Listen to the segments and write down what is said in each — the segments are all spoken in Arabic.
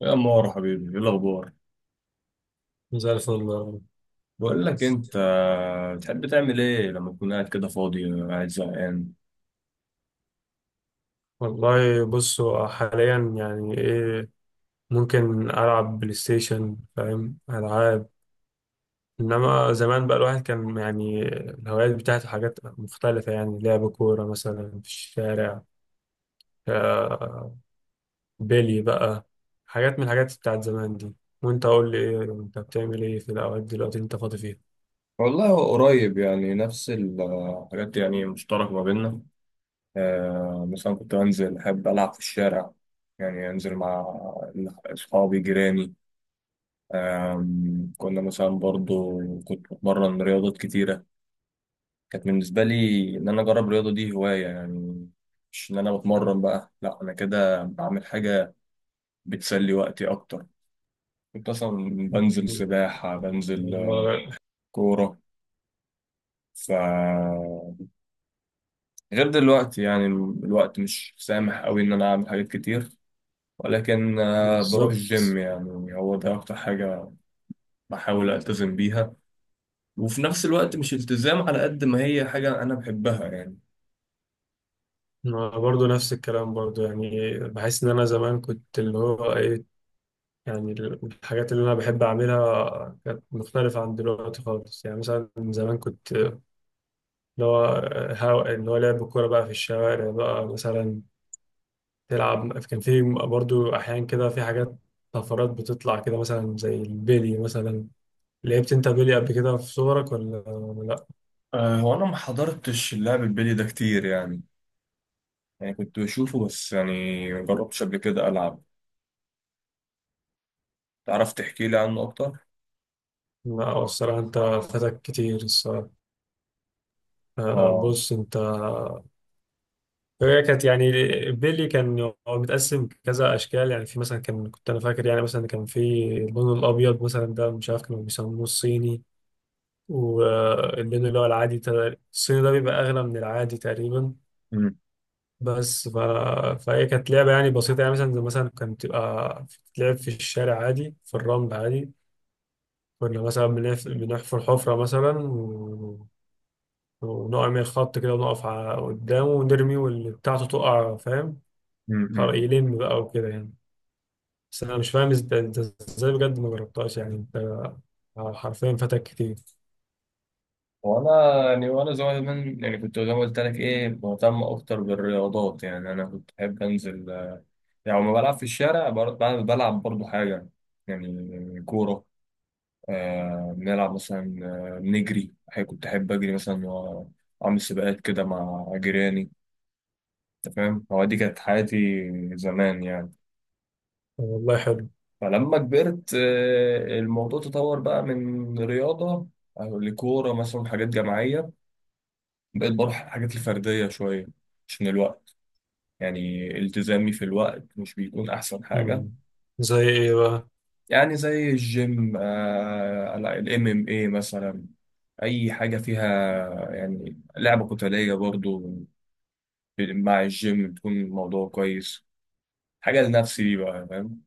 يا مارو حبيبي، ايه الاخبار؟ زي الفل والله. بقول لك انت، بتحب تعمل ايه لما تكون قاعد كده فاضي، قاعد زهقان؟ والله، بص، هو حاليا يعني ايه؟ ممكن العب بلاي ستيشن، فاهم، العاب. انما زمان بقى الواحد كان يعني الهوايات بتاعته حاجات مختلفه، يعني لعب كوره مثلا في الشارع، آه، بيلي بقى، حاجات من الحاجات بتاعت زمان دي. وانت قول لي ايه، انت بتعمل ايه في الاوقات دلوقتي انت فاضي فيها؟ والله هو قريب يعني، نفس الحاجات يعني مشتركه ما بيننا. مثلا كنت انزل احب العب في الشارع، يعني انزل مع اصحابي، جيراني. كنا مثلا برضو كنت بتمرن رياضات كتيره. كانت بالنسبه لي ان انا اجرب الرياضه دي هوايه يعني، مش ان انا بتمرن بقى، لا انا كده بعمل حاجه بتسلي وقتي اكتر. كنت أصلا بنزل سباحة، بنزل والله. كورة. ف غير دلوقتي يعني الوقت مش سامح أوي إن أنا أعمل حاجات كتير، ولكن بروح الجيم، بالظبط. يعني هو ده أكتر حاجة بحاول ألتزم بيها. وفي نفس الوقت مش التزام، على قد ما هي حاجة أنا بحبها يعني. ما برضو نفس الكلام برضو، يعني بحس ان انا زمان كنت اللي هو ايه، يعني الحاجات اللي انا بحب اعملها كانت مختلفة عن دلوقتي خالص. يعني مثلا زمان كنت اللي هو اللي هو لعب الكورة بقى في الشوارع بقى مثلا تلعب. كان في برضو احيان كده في حاجات طفرات بتطلع كده مثلا، زي البيلي مثلا. لعبت انت بيلي قبل كده في صغرك ولا لا؟ هو أنا ما حضرتش اللعب البلي ده كتير يعني، يعني كنت بشوفه بس، يعني ما جربتش قبل كده ألعب. تعرف تحكي لي عنه أكتر؟ لا الصراحة انت فاتك كتير الصراحة. آه. بص انت، هي كانت يعني بيلي كان هو متقسم كذا اشكال. يعني في مثلا كان كنت انا فاكر، يعني مثلا كان في اللون الابيض مثلا. ده مش عارف كانوا بيسموه الصيني، واللون اللي هو العادي الصيني ده بيبقى اغلى من العادي تقريبا. بس ف... فهي كانت لعبه يعني بسيطه، يعني مثلا زي مثلا كانت بتبقى بتتلعب في الشارع عادي، في الرمل عادي. كنا مثلا بنحفر حفره مثلا ونعمل خط كده ونقف على قدامه ونرمي، واللي بتاعته تقع، فاهم. خلاص، يلم بقى وكده يعني. بس انا مش فاهم انت ازاي بجد ما جربتهاش يعني، انت حرفيا فاتك كتير. وانا يعني وانا صغير، من يعني كنت زي ما قلت لك ايه، مهتم اكتر بالرياضات يعني. انا كنت بحب انزل، يعني لما بلعب في الشارع بلعب برضو حاجه، يعني كوره. آه بنلعب مثلا، بنجري. أحيانا كنت احب اجري مثلا، واعمل سباقات كده مع جيراني. انت فاهم، هو دي كانت حياتي زمان يعني. والله حلو. فلما كبرت الموضوع تطور بقى من رياضه لكوره مثلا، حاجات جماعيه. بقيت بروح الحاجات الفرديه شويه عشان الوقت، يعني التزامي في الوقت مش بيكون أحسن حاجة. مم. زي ايه بقى؟ يعني زي الجيم، آه الام ام اي مثلا، أي حاجة فيها يعني لعبة قتالية برضو. مع الجيم بتكون الموضوع كويس، حاجة لنفسي دي بقى، فاهم.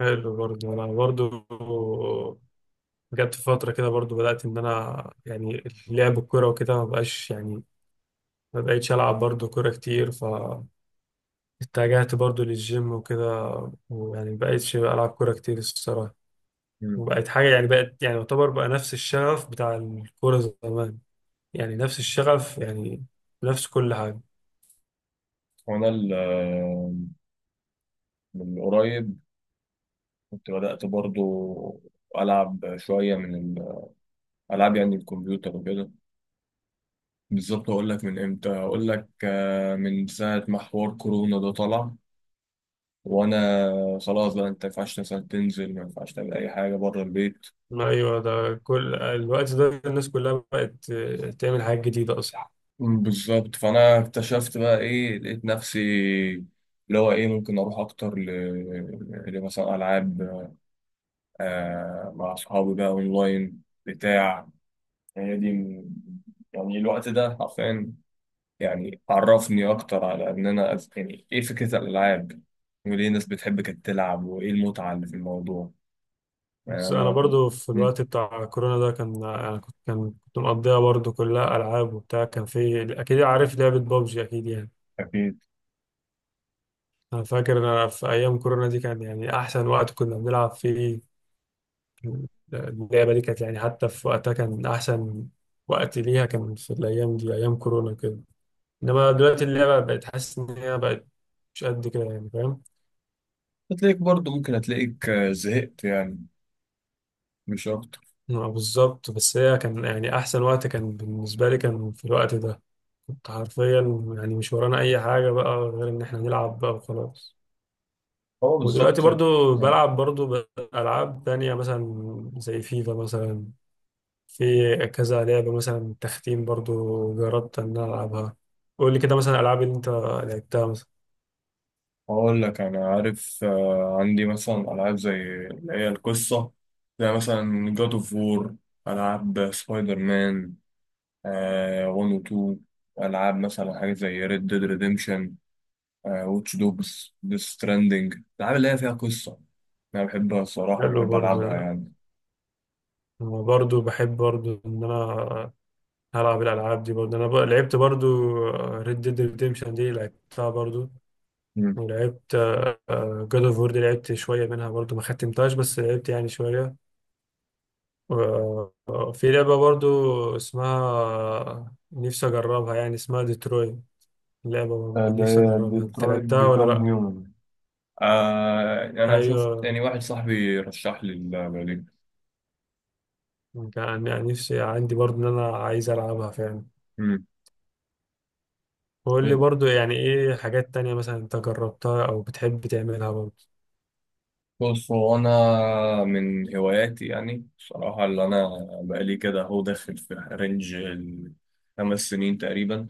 حلو برضه. انا برضه جت في فتره كده برضه بدات ان انا يعني لعب الكوره وكده ما بقاش يعني. ما بقيتش العب برضه كوره كتير، فاتجهت برضه للجيم وكده. ويعني ما بقيتش العب كوره كتير الصراحه. مم. وبقت حاجه يعني، بقت يعني يعتبر بقى نفس الشغف بتاع الكوره زمان، يعني نفس الشغف يعني، نفس كل حاجه. وأنا من قريب كنت بدأت برضو ألعب شوية من الألعاب يعني الكمبيوتر وكده. بالظبط أقول لك من إمتى، أقول لك من ساعة ما حوار كورونا ده طلع، وانا خلاص بقى، انت ما ينفعش مثلا تنزل، ما ينفعش تعمل اي حاجه بره البيت. ايوه، ده كل الوقت ده الناس كلها بقت تعمل حاجات جديده اصلا. مم، بالظبط. فانا اكتشفت بقى ايه، لقيت نفسي اللي هو ايه، ممكن اروح اكتر لمثلا العاب آه مع اصحابي بقى اونلاين بتاع. هي دي يعني الوقت ده حرفيا يعني عرفني اكتر على ان انا يعني ايه فكره الالعاب، وليه الناس بتحب كانت تلعب، وايه المتعه اللي في الموضوع. يعني بس انا انا كنت. برضو في مم. الوقت بتاع كورونا ده، كان انا كنت كان كنت مقضيها برضو كلها العاب وبتاع. كان في، اكيد عارف لعبه بابجي اكيد يعني. أكيد. انا فاكر انا في ايام كورونا دي كان يعني احسن وقت كنا بنلعب فيه. اللعبه دي كانت يعني حتى في وقتها كان احسن وقت ليها، كان في الايام دي ايام كورونا كده. انما دلوقتي اللعبه بقت حاسس ان هي بقت مش قد كده يعني، فاهم؟ هتلاقيك برضه ممكن، هتلاقيك زهقت يعني، مش أكتر. آه، بالظبط. بس هي كان يعني احسن وقت كان بالنسبه لي كان في الوقت ده. كنت حرفيا يعني مش ورانا اي حاجه بقى غير ان احنا نلعب بقى وخلاص. هو ودلوقتي بالظبط. آه. برضو بلعب برضو العاب تانية مثلا، زي فيفا مثلا. في كذا لعبه مثلا تختيم برضو جربت ان أنا العبها. قول لي كده مثلا الالعاب اللي انت لعبتها مثلا. أقول لك أنا عارف، عندي مثلا ألعاب زي اللي هي القصة، زي مثلا جاد أوف وور، ألعاب سبايدر مان آه 1 و 2، ألعاب مثلا حاجة زي ريد ديد ريديمشن، آه واتش دوجز، ديث ستراندنج. الألعاب اللي هي فيها قصة أنا بحبها الصراحة، حلو. وبحب برضو ألعبها أنا يعني. برضو بحب برضو ان انا هلعب الالعاب دي برضو. انا لعبت برضو ريد ديد ريديمشن دي لعبتها برضو. مم. لعبت جود اوف وور دي، لعبت شوية منها برضو، ما ختمتهاش بس لعبت يعني شوية و- آه، في لعبة برضو اسمها نفسي أجربها، يعني اسمها ديتروي، لعبة برضو اللي نفسي هي أجربها، أنت ديترويت لعبتها ولا بيكام لأ؟ هيومن، آه انا شفت أيوة. يعني واحد صاحبي رشح لي البرلين. كان يعني نفسي عندي برضو إن أنا عايز ألعبها فعلا. امم وقول لي برضو يعني إيه حاجات تانية مثلا أنت جربتها أو بتحب تعملها برضو؟ بص، هو انا من هواياتي يعني بصراحة، اللي انا بقالي كده، هو داخل في رينج الخمس سنين تقريبا،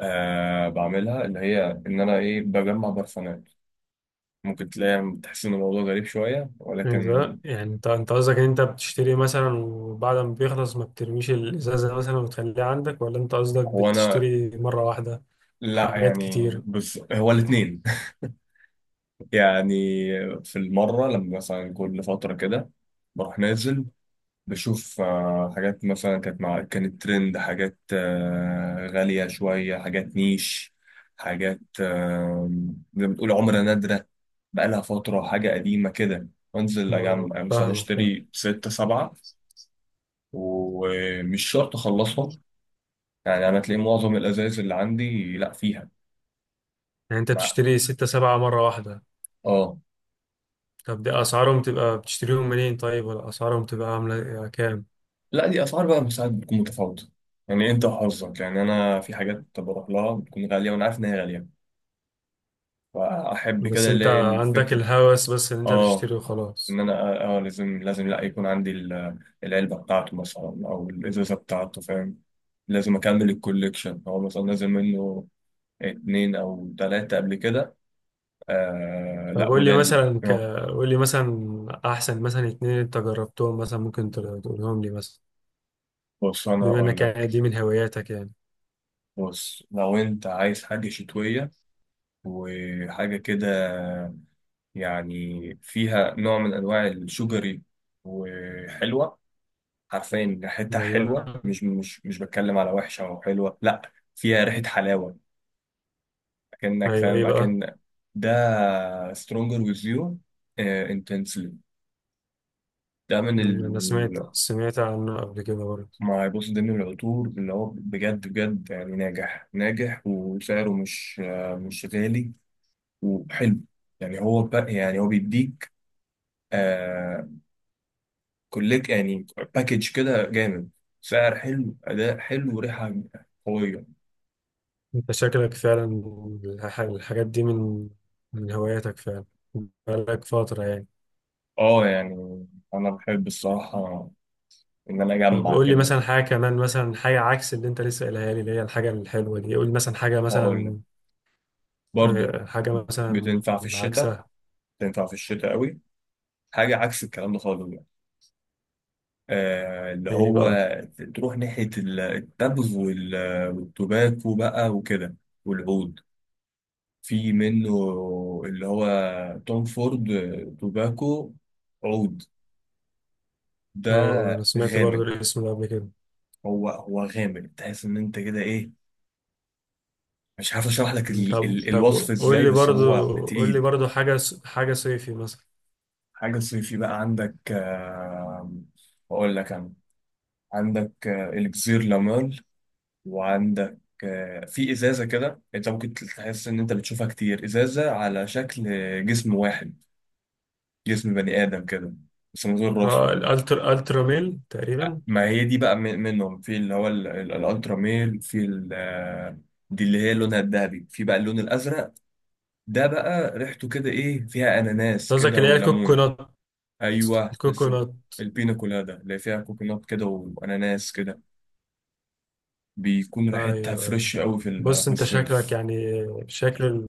آه بعملها، اللي هي ان انا ايه، بجمع برفانات. ممكن تلاقي تحس ان الموضوع غريب شوية، يعني ولكن ده يعني انت قصدك ان انت بتشتري مثلا، وبعد ما بيخلص ما بترميش الازازه مثلا وتخليها عندك، ولا انت قصدك هو انا، بتشتري مره واحده لا حاجات يعني كتير؟ بص هو الاتنين. يعني في المرة لما مثلا كل فترة كده، بروح نازل بشوف، حاجات مثلا كانت مع، كانت ترند، حاجات غالية شوية، حاجات نيش، حاجات زي ما بتقول عملة نادرة بقالها فترة، حاجة قديمة كده. وانزل اه، أجمع، مثلا فاهمك فاهم. اشتري ستة سبعة. ومش شرط أخلصهم، يعني أنا تلاقي معظم الأزايز اللي عندي لأ فيها يعني انت مع. بتشتري ستة سبعة مره واحده؟ آه. طب دي اسعارهم تبقى بتشتريهم منين طيب، ولا اسعارهم تبقى عامله كام؟ لأ دي أسعار بقى ساعات بتكون متفاوتة، يعني أنت وحظك. يعني أنا في حاجات بروح لها بتكون غالية، وأنا عارف إن هي غالية، فأحب بس كده اللي انت هي عندك الفكرة. الهوس بس ان انت اه، تشتري ان وخلاص. انا اه، لازم، لا يكون عندي العلبه بتاعته مثلا، او الازازه بتاعته، فاهم. لازم اكمل الكوليكشن، هو مثلا نازل منه اتنين او تلاته قبل كده. آه طب لا، قول لي وده ال- مثلا آه، قول لي مثلا احسن مثلا اتنين انت جربتهم مثلا، ممكن تقولهم لي مثلا، بص انا بما هقول انك يعني لك. دي من هواياتك يعني. بص لو انت عايز حاجه شتويه وحاجه كده، يعني فيها نوع من انواع الشجري وحلوه، عارفين ريحتها ايوه، حلوه، مش بتكلم على وحشه او حلوه، لا فيها ريحه حلاوه، اكنك ايوه. ايه فاهم، بقى؟ اكن ده stronger with you آه، intensely. ده من مم، انا ال سمعت عنه قبل كده برضه. ما يبص، ده من العطور اللي هو بجد بجد يعني، ناجح ناجح، وسعره مش مش غالي وحلو. يعني هو يعني هو بيديك آه كلك يعني، باكج كده جامد، سعر حلو، أداء حلو، وريحة قوية. انت شكلك فعلا الحاجات دي من هواياتك فعلا بقالك فترة يعني. اه يعني، أنا بحب الصراحة إن أنا طب أجمع قول لي كده. مثلا حاجة كمان مثلا، حاجة عكس اللي انت لسه قايلها لي اللي هي الحاجة الحلوة دي. قول لي مثلا حاجة هقول لك مثلا برضه آه، حاجة مثلا بتنفع في الشتاء، عكسها. تنفع في الشتاء قوي، حاجه عكس الكلام ده خالص بقى، آه اللي ايه هو بقى؟ تروح ناحيه التبغ والتباكو بقى وكده، والعود. في منه اللي هو توم فورد توباكو عود ده. اه انا سمعت برضه غامق، الاسم ده قبل كده. هو غامق، تحس ان انت كده ايه، مش عارف اشرح لك مم. ال طب ال الوصف طب قول ازاي، لي بس برضه، هو قول لي تقيل. برضه حاجة حاجة صيفي مثلا. حاجه صيفي بقى عندك آه، اقول لك انا، عندك الكزير لامال، وعندك في ازازه كده انت ممكن تحس ان انت بتشوفها كتير، ازازه على شكل جسم واحد، جسم بني ادم كده بس من غير اه، راسه. الترا ميل تقريبا. ما هي دي بقى منهم، في اللي هو الالترا ميل، في دي اللي هي لونها الذهبي، في بقى اللون الازرق ده بقى، ريحته كده ايه، فيها اناناس قصدك كده اللي هي وليمون. الكوكونات؟ ايوه لسه، الكوكونات. البينا كولادا اللي فيها كوكونات كده واناناس كده، بيكون ريحتها ايوه، ايوه. فريش قوي بص في انت شكلك الصيف. يعني شكل،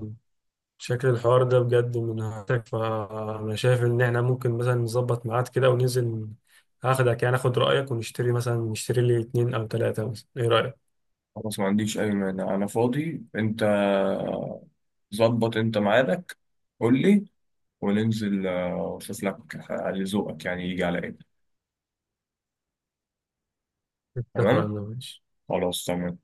شكل الحوار ده بجد من هاتك. فانا شايف ان احنا ممكن مثلا نظبط ميعاد كده وننزل. هاخدك يعني اخد رايك، ونشتري مثلا، نشتري لي اتنين او تلاته مثلا. ايه رايك؟ خلاص، ما عنديش أي مانع، أنا فاضي. أنت ظبط أنت ميعادك، قول لي، وننزل وأشوف لك على ذوقك، يعني يجي على إيه. تمام، اتفقنا، ماشي. خلاص تمام.